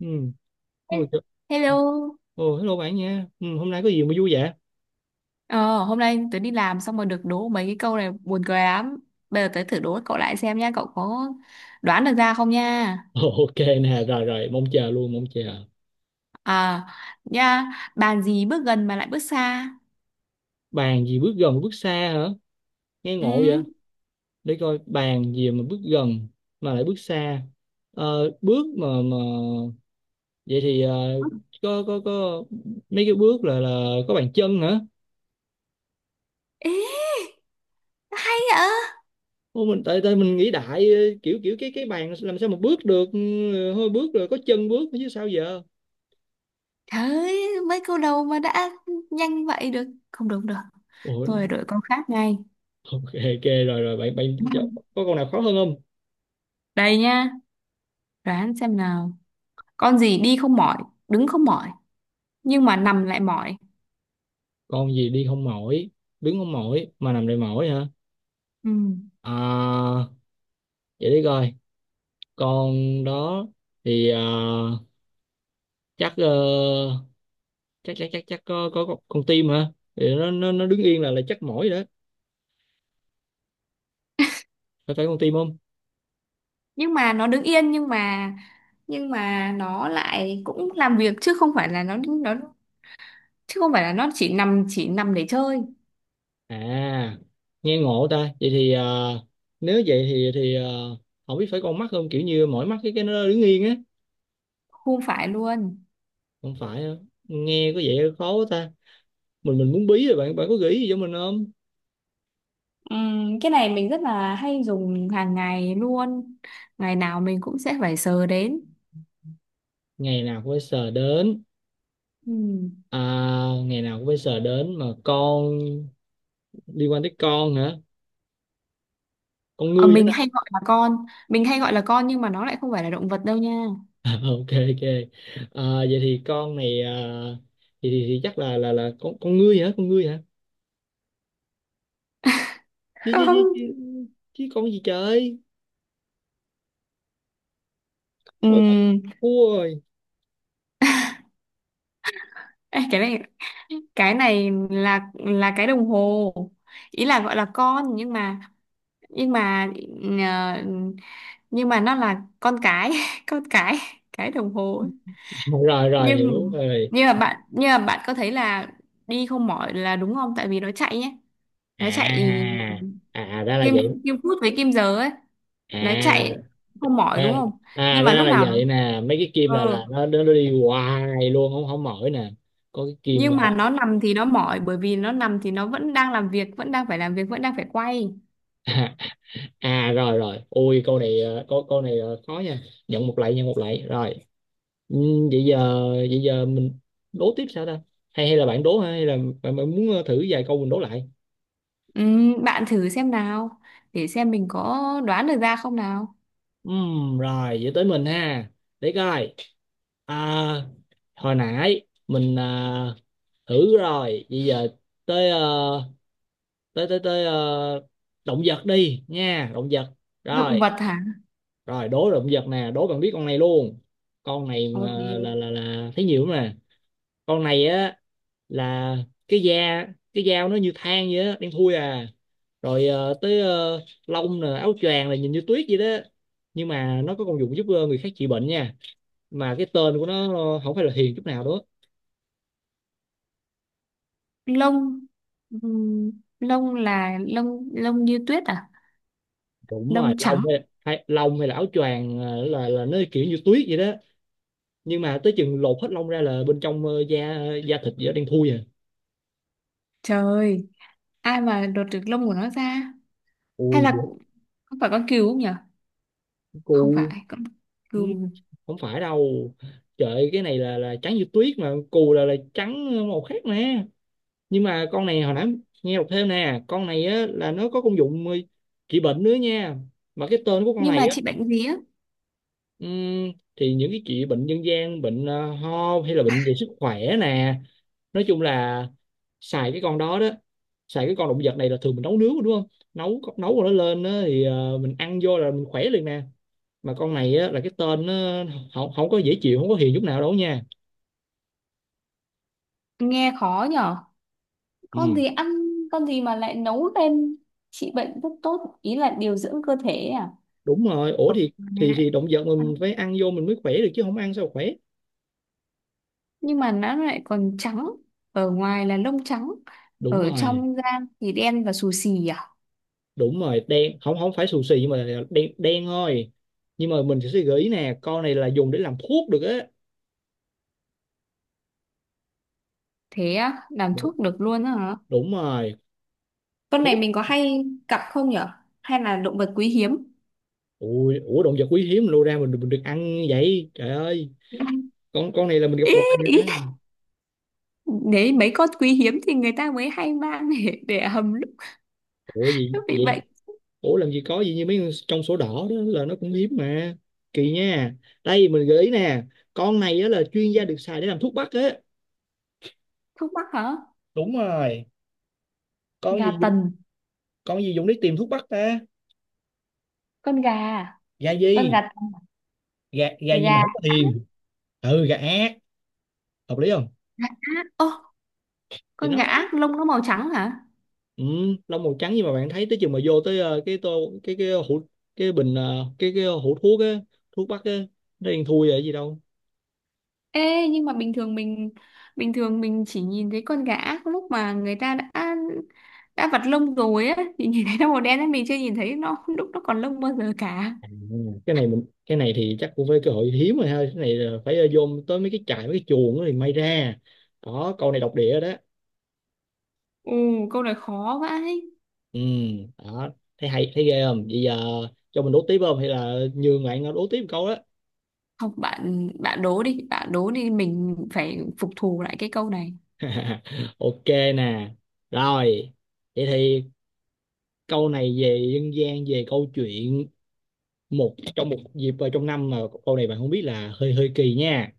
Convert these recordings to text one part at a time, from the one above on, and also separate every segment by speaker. Speaker 1: Ừ. Ôi,
Speaker 2: He-
Speaker 1: trời.
Speaker 2: Hello.
Speaker 1: Ồ, hello bạn nha. Ừ, hôm nay có gì mà vui vậy?
Speaker 2: Ờ, Hôm nay tớ đi làm xong rồi được đố mấy cái câu này buồn cười lắm. Bây giờ tớ thử đố cậu lại xem nha, cậu có đoán được ra không nha?
Speaker 1: Ồ, ok nè, rồi rồi, mong chờ luôn, mong chờ.
Speaker 2: À, nha, bàn gì bước gần mà lại bước xa?
Speaker 1: Bàn gì bước gần bước xa hả? Nghe
Speaker 2: Ừ.
Speaker 1: ngộ vậy? Để coi bàn gì mà bước gần mà lại bước xa. Bước mà vậy thì có mấy cái bước là có bàn chân hả?
Speaker 2: Ê, ạ.
Speaker 1: Ô, mình tại tại mình nghĩ đại kiểu kiểu cái bàn làm sao mà bước được hơi bước rồi có chân bước chứ sao giờ?
Speaker 2: Trời ơi, mấy câu đầu mà đã nhanh vậy được. Không đúng được.
Speaker 1: Ồ,
Speaker 2: Tôi phải đổi câu khác ngay.
Speaker 1: ok ok rồi rồi bạn bạn có câu nào khó hơn không?
Speaker 2: Đây nha, đoán xem nào. Con gì đi không mỏi, đứng không mỏi, nhưng mà nằm lại mỏi.
Speaker 1: Con gì đi không mỏi, đứng không mỏi mà nằm đầy mỏi hả?
Speaker 2: Ừ.
Speaker 1: À, vậy đi coi con đó thì, à, chắc, chắc chắc chắc chắc có con tim hả, thì nó đứng yên là chắc mỏi rồi đó. Phải phải con tim không?
Speaker 2: Nhưng mà nó đứng yên nhưng mà nó lại cũng làm việc chứ không phải là nó chứ không phải là nó chỉ nằm để chơi,
Speaker 1: À, nghe ngộ ta. Vậy thì, à, nếu vậy thì à, không biết phải con mắt không, kiểu như mỏi mắt cái nó đứng yên á.
Speaker 2: không phải luôn.
Speaker 1: Không phải hả? Nghe có vẻ khó quá ta. Mình muốn bí rồi, bạn bạn có gợi ý gì cho mình không?
Speaker 2: Cái này mình rất là hay dùng hàng ngày luôn, ngày nào mình cũng sẽ phải sờ đến.
Speaker 1: Ngày nào cũng phải sờ đến.
Speaker 2: Ừm.
Speaker 1: À, ngày nào cũng phải sờ đến mà con, liên quan tới con hả? Con
Speaker 2: Ờ,
Speaker 1: ngươi hết
Speaker 2: mình
Speaker 1: á.
Speaker 2: hay gọi là con, mình hay gọi là con nhưng mà nó lại không phải là động vật đâu nha.
Speaker 1: À, ok ok. À, vậy thì con này, à, thì chắc là con ngươi hả? Con ngươi hả? Chứ chứ chứ
Speaker 2: Không.
Speaker 1: chứ, chứ con gì trời? Ôi bà
Speaker 2: Ừm,
Speaker 1: cua rồi.
Speaker 2: ê, cái này là cái đồng hồ, ý là gọi là con nhưng mà nhưng mà ờ, nhưng mà nó là con cái con cái đồng hồ ấy.
Speaker 1: Rồi rồi
Speaker 2: nhưng
Speaker 1: hiểu rồi.
Speaker 2: nhưng mà bạn, nhưng mà bạn có thấy là đi không mỏi là đúng không, tại vì nó chạy nhé, nó chạy
Speaker 1: À à, ra là
Speaker 2: kim,
Speaker 1: vậy.
Speaker 2: kim phút với kim giờ ấy,
Speaker 1: À
Speaker 2: nó chạy không mỏi đúng
Speaker 1: ra
Speaker 2: không.
Speaker 1: à
Speaker 2: Nhưng mà
Speaker 1: ra
Speaker 2: lúc
Speaker 1: là
Speaker 2: nào nó
Speaker 1: vậy nè. Mấy cái kim
Speaker 2: ờ,
Speaker 1: là nó đi hoài luôn, không không mỏi nè. Có cái kim,
Speaker 2: nhưng mà nó nằm thì nó mỏi, bởi vì nó nằm thì nó vẫn đang làm việc, vẫn đang phải làm việc, vẫn đang phải quay.
Speaker 1: à, à rồi rồi, ui câu này, câu câu này, khó nha. Nhận một lạy, nhận một lạy. Rồi. Ừ, vậy giờ mình đố tiếp sao ta? Hay hay là bạn đố hay là bạn muốn, thử vài câu mình đố lại?
Speaker 2: Bạn thử xem nào, để xem mình có đoán được ra không nào.
Speaker 1: Rồi, vậy tới mình ha. Để coi. À, hồi nãy mình, à, thử rồi, bây giờ tới, tới ờ, động vật đi nha, động vật.
Speaker 2: Động
Speaker 1: Rồi,
Speaker 2: vật hả?
Speaker 1: rồi đố động vật nè, đố bạn biết con này luôn. Con này
Speaker 2: Ok.
Speaker 1: mà là thấy nhiều lắm nè, con này á là cái da, cái dao nó như than vậy á, đen thui à, rồi, tới, lông nè, áo choàng là nhìn như tuyết vậy đó, nhưng mà nó có công dụng giúp, người khác trị bệnh nha, mà cái tên của nó, không phải là hiền chút nào đó.
Speaker 2: Lông, ừm, lông là lông, lông như tuyết à?
Speaker 1: Đúng
Speaker 2: Lông
Speaker 1: rồi, lông
Speaker 2: trắng.
Speaker 1: hay, hay lông hay là áo choàng, là nó kiểu như tuyết vậy đó, nhưng mà tới chừng lột hết lông ra là bên trong, da, da thịt vậy đen thui à.
Speaker 2: Trời ơi, ai mà lột được lông của nó ra. Hay
Speaker 1: Ui
Speaker 2: là không phải con cừu không nhở? Không
Speaker 1: cô,
Speaker 2: phải con cừu.
Speaker 1: không phải đâu. Trời ơi, cái này là trắng như tuyết, mà cù là trắng màu khác nè, nhưng mà con này hồi nãy, nghe đọc thêm nè, con này á là nó có công dụng, trị bệnh nữa nha, mà cái tên của con
Speaker 2: Nhưng mà
Speaker 1: này á,
Speaker 2: chị bệnh gì á?
Speaker 1: thì những cái trị bệnh dân gian, bệnh, ho hay là bệnh về sức khỏe nè, nói chung là xài cái con đó đó, xài cái con động vật này là thường mình nấu nướng đúng không, nấu nấu rồi nó lên á, thì, mình ăn vô là mình khỏe liền nè, mà con này á, là cái tên nó không có dễ chịu, không có hiền chút nào đâu nha.
Speaker 2: Nghe khó nhở. Con
Speaker 1: Ừ
Speaker 2: gì ăn, con gì mà lại nấu lên trị bệnh rất tốt, ý là điều dưỡng cơ thể ấy à?
Speaker 1: đúng rồi, ủa
Speaker 2: Ở
Speaker 1: thì
Speaker 2: ngoài
Speaker 1: thì
Speaker 2: lại
Speaker 1: thì động vật
Speaker 2: ăn.
Speaker 1: mình phải ăn vô mình mới khỏe được, chứ không ăn sao khỏe.
Speaker 2: Nhưng mà nó lại còn trắng, ở ngoài là lông trắng,
Speaker 1: Đúng
Speaker 2: ở
Speaker 1: rồi.
Speaker 2: trong da thì đen và xù xì à.
Speaker 1: Đúng rồi, đen, không không phải xù xì, nhưng mà là đen, đen thôi. Nhưng mà mình sẽ gợi ý nè, con này là dùng để làm thuốc được á.
Speaker 2: Thế á, làm
Speaker 1: đúng,
Speaker 2: thuốc được luôn á hả?
Speaker 1: đúng rồi.
Speaker 2: Con này
Speaker 1: Thuốc.
Speaker 2: mình có hay gặp không nhở? Hay là động vật quý hiếm?
Speaker 1: Ui, ủa động vật quý hiếm lô ra mình được ăn vậy trời ơi. Con này là mình gặp
Speaker 2: Ý,
Speaker 1: hoài
Speaker 2: ý.
Speaker 1: á.
Speaker 2: Đấy, mấy con quý hiếm thì người ta mới hay mang để hầm lúc,
Speaker 1: Ủa gì
Speaker 2: lúc bị
Speaker 1: gì?
Speaker 2: bệnh.
Speaker 1: Ủa làm gì có gì như mấy con trong sổ đỏ đó là nó cũng hiếm mà, kỳ nha. Đây mình gợi ý nè, con này á là chuyên gia được xài để làm thuốc bắc á.
Speaker 2: Thuốc mắc hả?
Speaker 1: Đúng rồi. Con
Speaker 2: Gà
Speaker 1: gì,
Speaker 2: tần,
Speaker 1: con gì Dũng đi tìm thuốc bắc ta.
Speaker 2: con gà, à?
Speaker 1: Gà
Speaker 2: Con
Speaker 1: gì,
Speaker 2: gà,
Speaker 1: gà gà
Speaker 2: gà,
Speaker 1: gì mà
Speaker 2: gà
Speaker 1: không có thiền. Ừ gà ác, hợp lý không?
Speaker 2: ác. Ô,
Speaker 1: Thì
Speaker 2: con
Speaker 1: nó
Speaker 2: gà
Speaker 1: đó.
Speaker 2: ác lông nó màu trắng hả?
Speaker 1: Ừ, lông màu trắng, nhưng mà bạn thấy tới chừng mà vô tới, cái tô, cái hũ, cái bình, cái hũ thuốc á, thuốc bắc á, nó đen thui rồi gì đâu.
Speaker 2: Ê, nhưng mà bình thường mình, bình thường mình chỉ nhìn thấy con gà ác lúc mà người ta đã vặt lông rồi á thì nhìn thấy nó màu đen á, mình chưa nhìn thấy nó lúc nó còn lông bao giờ cả.
Speaker 1: À, cái này thì chắc cũng phải cơ hội hiếm rồi ha, cái này là phải, vô tới mấy cái trại, mấy cái chuồng á thì may ra. Đó câu này độc địa đó.
Speaker 2: Ồ, câu này khó quá ấy.
Speaker 1: Ừ đó, thấy hay, thấy ghê không, bây giờ cho mình đố tiếp không hay là nhường bạn, đố tiếp một câu đó.
Speaker 2: Không, bạn bạn đố đi, bạn đố đi, mình phải phục thù lại cái câu này.
Speaker 1: Ok nè, rồi vậy thì câu này về dân gian, về câu chuyện một trong một dịp vào trong năm, mà câu này bạn không biết là hơi hơi kỳ nha.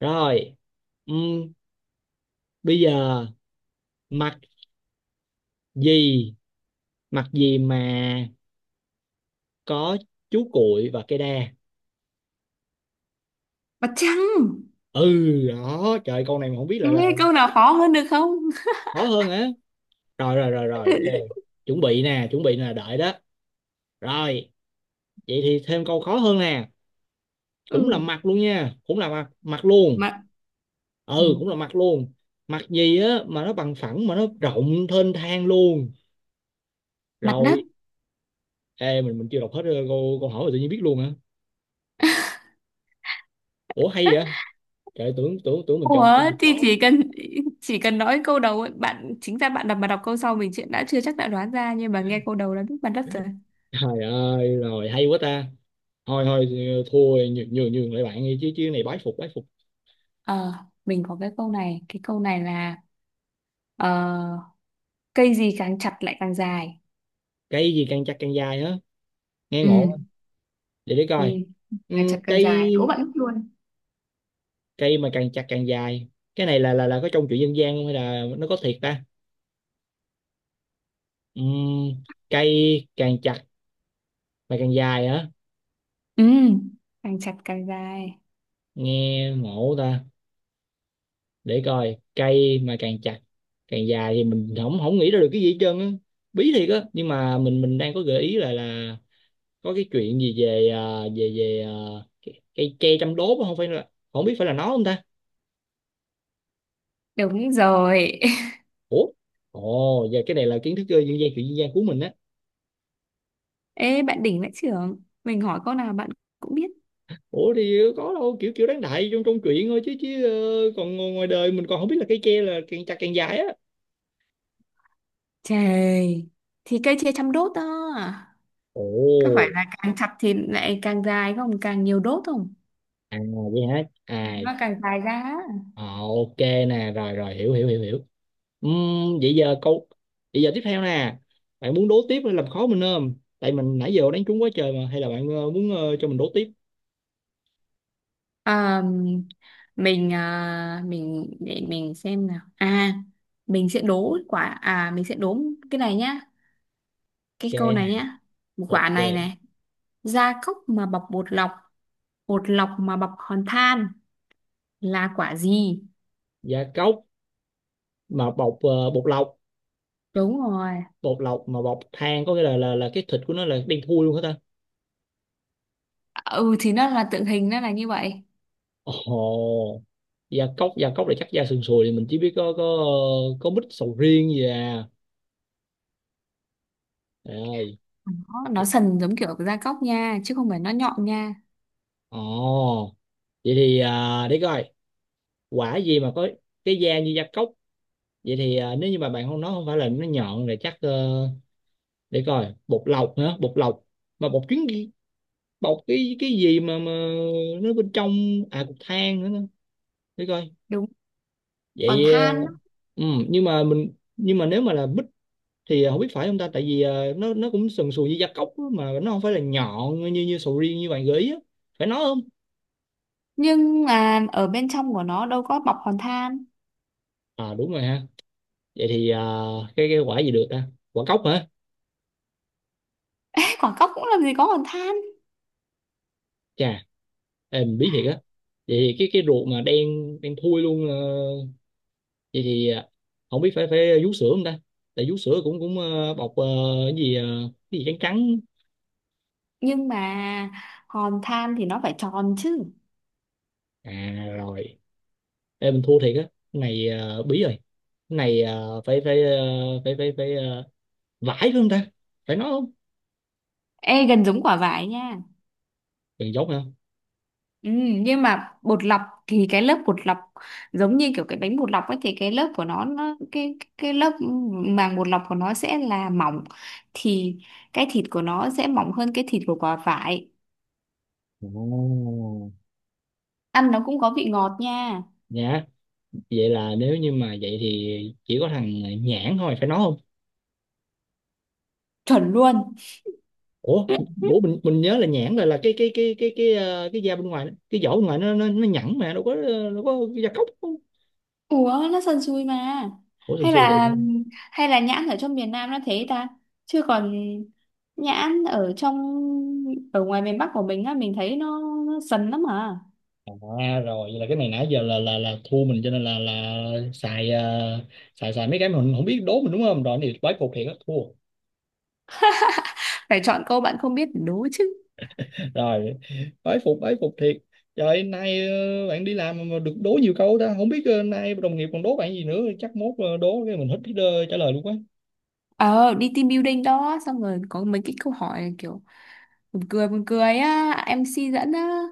Speaker 1: Rồi, ừm, bây giờ, mặt gì, mặt gì mà có chú cuội và cây đa.
Speaker 2: Mặt trăng.
Speaker 1: Ừ đó, trời câu này mà không biết lại là.
Speaker 2: Nghe câu nào khó hơn được không?
Speaker 1: Khó hơn á, rồi rồi rồi rồi ok. Chuẩn bị nè, chuẩn bị nè, đợi đó. Rồi, vậy thì thêm câu khó hơn nè, cũng là
Speaker 2: Ừ,
Speaker 1: mặt luôn nha, cũng là mặt mặt luôn.
Speaker 2: Mặt, ừ,
Speaker 1: Ừ cũng là mặt luôn. Mặt gì á mà nó bằng phẳng, mà nó rộng thênh thang luôn.
Speaker 2: mặt đất.
Speaker 1: Rồi. Ê mình chưa đọc hết, câu câu hỏi mà tự nhiên biết luôn hả? Ủa hay vậy. Trời tưởng tưởng tưởng mình
Speaker 2: Ủa
Speaker 1: chọn câu
Speaker 2: thì
Speaker 1: khó.
Speaker 2: chỉ cần, chỉ cần nói câu đầu ấy, bạn chính ra bạn đọc mà đọc câu sau mình chuyện đã chưa chắc đã đoán ra, nhưng mà nghe câu đầu là biết mặt đất rồi.
Speaker 1: Trời ơi rồi hay quá ta. Thôi thôi, thua, nhường nhường nhường lại bạn đi, chứ chứ này, bái phục, bái phục.
Speaker 2: Ờ, mình có cái câu này là ờ, cây gì càng chặt lại càng dài.
Speaker 1: Cây gì càng chặt càng dài á? Nghe
Speaker 2: Ừ.
Speaker 1: ngộ quá. Để
Speaker 2: Ừ.
Speaker 1: coi.
Speaker 2: Càng chặt càng
Speaker 1: Cây,
Speaker 2: dài, đố bạn mất luôn.
Speaker 1: cây mà càng chặt càng dài, cái này là có trong chuyện dân gian không hay là nó có thiệt ta? Ừm, cây càng chặt mà càng dài hả?
Speaker 2: Ừ, càng chặt càng dài.
Speaker 1: Nghe ngộ ta. Để coi, cây mà càng chặt càng dài thì mình không không nghĩ ra được cái gì hết trơn á. Bí thiệt á, nhưng mà mình đang có gợi ý là có cái chuyện gì về, à, về về à, cây tre trăm đốt á, không phải là, không biết phải là nó không ta?
Speaker 2: Đúng rồi.
Speaker 1: Ủa. Ồ và cái này là kiến thức, dân gian, chuyện dân gian của mình á.
Speaker 2: Ê, bạn đỉnh vãi chưởng. Mình hỏi câu nào bạn cũng biết.
Speaker 1: Ủa thì, có đâu kiểu kiểu đáng đại trong trong chuyện thôi, chứ chứ ờ, còn ngoài đời mình còn không biết là cây tre là càng chặt càng dài á.
Speaker 2: Trời, thì cây chia trăm đốt đó.
Speaker 1: Ồ.
Speaker 2: Có phải là càng chặt thì lại càng dài không? Càng nhiều đốt không?
Speaker 1: À vậy hả, à.
Speaker 2: Nó càng dài ra. Á.
Speaker 1: Ờ, ok nè rồi rồi hiểu hiểu hiểu hiểu. Vậy giờ câu, vậy giờ tiếp theo nè, bạn muốn đố tiếp hay làm khó mình không, tại mình nãy giờ đánh trúng quá trời mà, hay là bạn, muốn, cho mình đố tiếp.
Speaker 2: À, mình, mình để mình xem nào. À, mình sẽ đố quả, à mình sẽ đố cái này nhá. Cái
Speaker 1: Ok
Speaker 2: câu
Speaker 1: nè.
Speaker 2: này nhá. Quả
Speaker 1: Ok.
Speaker 2: này này, gia cốc mà bọc bột lọc mà bọc hòn than là quả gì?
Speaker 1: Gia cốc mà bọc, bột lọc,
Speaker 2: Đúng rồi.
Speaker 1: bột lọc mà bọc than, có nghĩa là cái thịt của nó là đen thui luôn hả ta?
Speaker 2: Ừ thì nó là tượng hình, nó là như vậy.
Speaker 1: Ồ. Gia cốc, gia cốc là chắc da sườn sùi thì mình chỉ biết có ờ, có mít, sầu riêng gì à. Trời ơi.
Speaker 2: Nó sần giống kiểu gia cốc nha, chứ không phải nó nhọn nha.
Speaker 1: Ồ. Vậy thì, à, để coi, quả gì mà có cái da như gia cốc, vậy thì, à, nếu như mà bạn không nói không phải là nó nhọn rồi, chắc, để coi bột lọc nữa, bột lọc mà bột chuyến, bột cái gì mà nó bên trong, à cục than nữa. Để coi.
Speaker 2: Đúng. Còn
Speaker 1: Vậy,
Speaker 2: than, á,
Speaker 1: ừ, nhưng mà mình, nhưng mà nếu mà là bích thì không biết phải không ta, tại vì, nó cũng sần sùi như gia cốc á, mà nó không phải là nhọn như như sầu riêng như bạn gợi ý á. Phải nói không?
Speaker 2: nhưng mà ở bên trong của nó đâu có bọc hòn than.
Speaker 1: À đúng rồi ha. Vậy thì, cái quả gì được ta? Quả cốc hả?
Speaker 2: Ê, quả cốc cũng làm gì có hòn than.
Speaker 1: Chà. Em biết thiệt á. Vậy thì cái ruột mà đen, đen thui luôn, vậy thì, à, không biết phải phải vú sữa không ta? Tại vú sữa cũng cũng ờ, bọc, cái gì, cái gì trắng trắng.
Speaker 2: Nhưng mà hòn than thì nó phải tròn chứ.
Speaker 1: À rồi. Ê mình thua thiệt á. Cái này, bí rồi. Cái này, phải phải ờ, phải phải phải ờ, vải phải không ta? Phải nói không?
Speaker 2: Ê gần giống quả vải nha.
Speaker 1: Đừng dốt hả.
Speaker 2: Ừ, nhưng mà bột lọc thì cái lớp bột lọc giống như kiểu cái bánh bột lọc ấy thì cái lớp của nó cái lớp màng bột lọc của nó sẽ là mỏng, thì cái thịt của nó sẽ mỏng hơn cái thịt của quả vải.
Speaker 1: Ồ.
Speaker 2: Ăn nó cũng có vị ngọt nha.
Speaker 1: Nhã. Vậy là nếu như mà vậy thì chỉ có thằng, nhãn thôi, phải nói không?
Speaker 2: Chuẩn luôn.
Speaker 1: Ủa, bố mình nhớ là nhãn là cái ờ, cái da bên ngoài, cái vỏ bên ngoài nó nhẵn mà đâu có, đâu có da cóc không.
Speaker 2: Ủa nó sần sùi mà.
Speaker 1: Ủa sần
Speaker 2: Hay
Speaker 1: sùi được.
Speaker 2: là, hay là nhãn ở trong miền Nam nó thế ta, chứ còn nhãn ở trong, ở ngoài miền Bắc của mình á mình thấy nó sần lắm à.
Speaker 1: À rồi vậy là cái này nãy giờ là thua mình, cho nên là xài, xài mấy cái mà mình không biết đố mình, đúng không? Rồi thì bái phục thiệt á, thua.
Speaker 2: Phải chọn câu bạn không biết để đố chứ.
Speaker 1: Rồi, bái phục thiệt. Trời nay, bạn đi làm mà được đố nhiều câu ta, không biết, nay đồng nghiệp còn đố bạn gì nữa, chắc mốt, đố cái mình hết biết, trả lời luôn quá.
Speaker 2: Ờ đi team building đó xong rồi có mấy cái câu hỏi kiểu buồn cười, buồn cười á, em MC dẫn á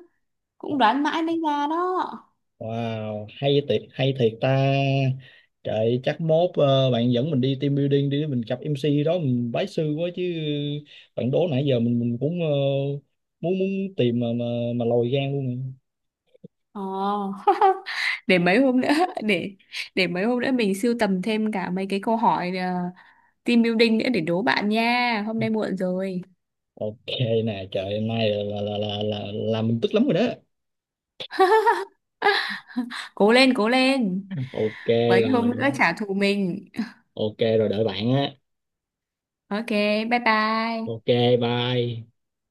Speaker 2: cũng đoán mãi mới ra đó.
Speaker 1: Wow, hay thiệt ta. Trời, chắc mốt, bạn dẫn mình đi team building đi, mình gặp MC đó, mình bái sư quá chứ. Bạn đố nãy giờ mình cũng, muốn muốn tìm mà lòi gan luôn. Nè.
Speaker 2: Ờ. Để mấy hôm nữa, để để mấy hôm nữa mình sưu tầm thêm cả mấy cái câu hỏi team building nữa để đố bạn nha, hôm nay muộn rồi.
Speaker 1: Ok nè, trời hôm nay là mình tức lắm rồi đó.
Speaker 2: Cố lên cố lên,
Speaker 1: Ok
Speaker 2: mấy hôm
Speaker 1: rồi,
Speaker 2: nữa trả thù mình.
Speaker 1: ok rồi đợi bạn á.
Speaker 2: Ok, bye bye.
Speaker 1: Ok, bye.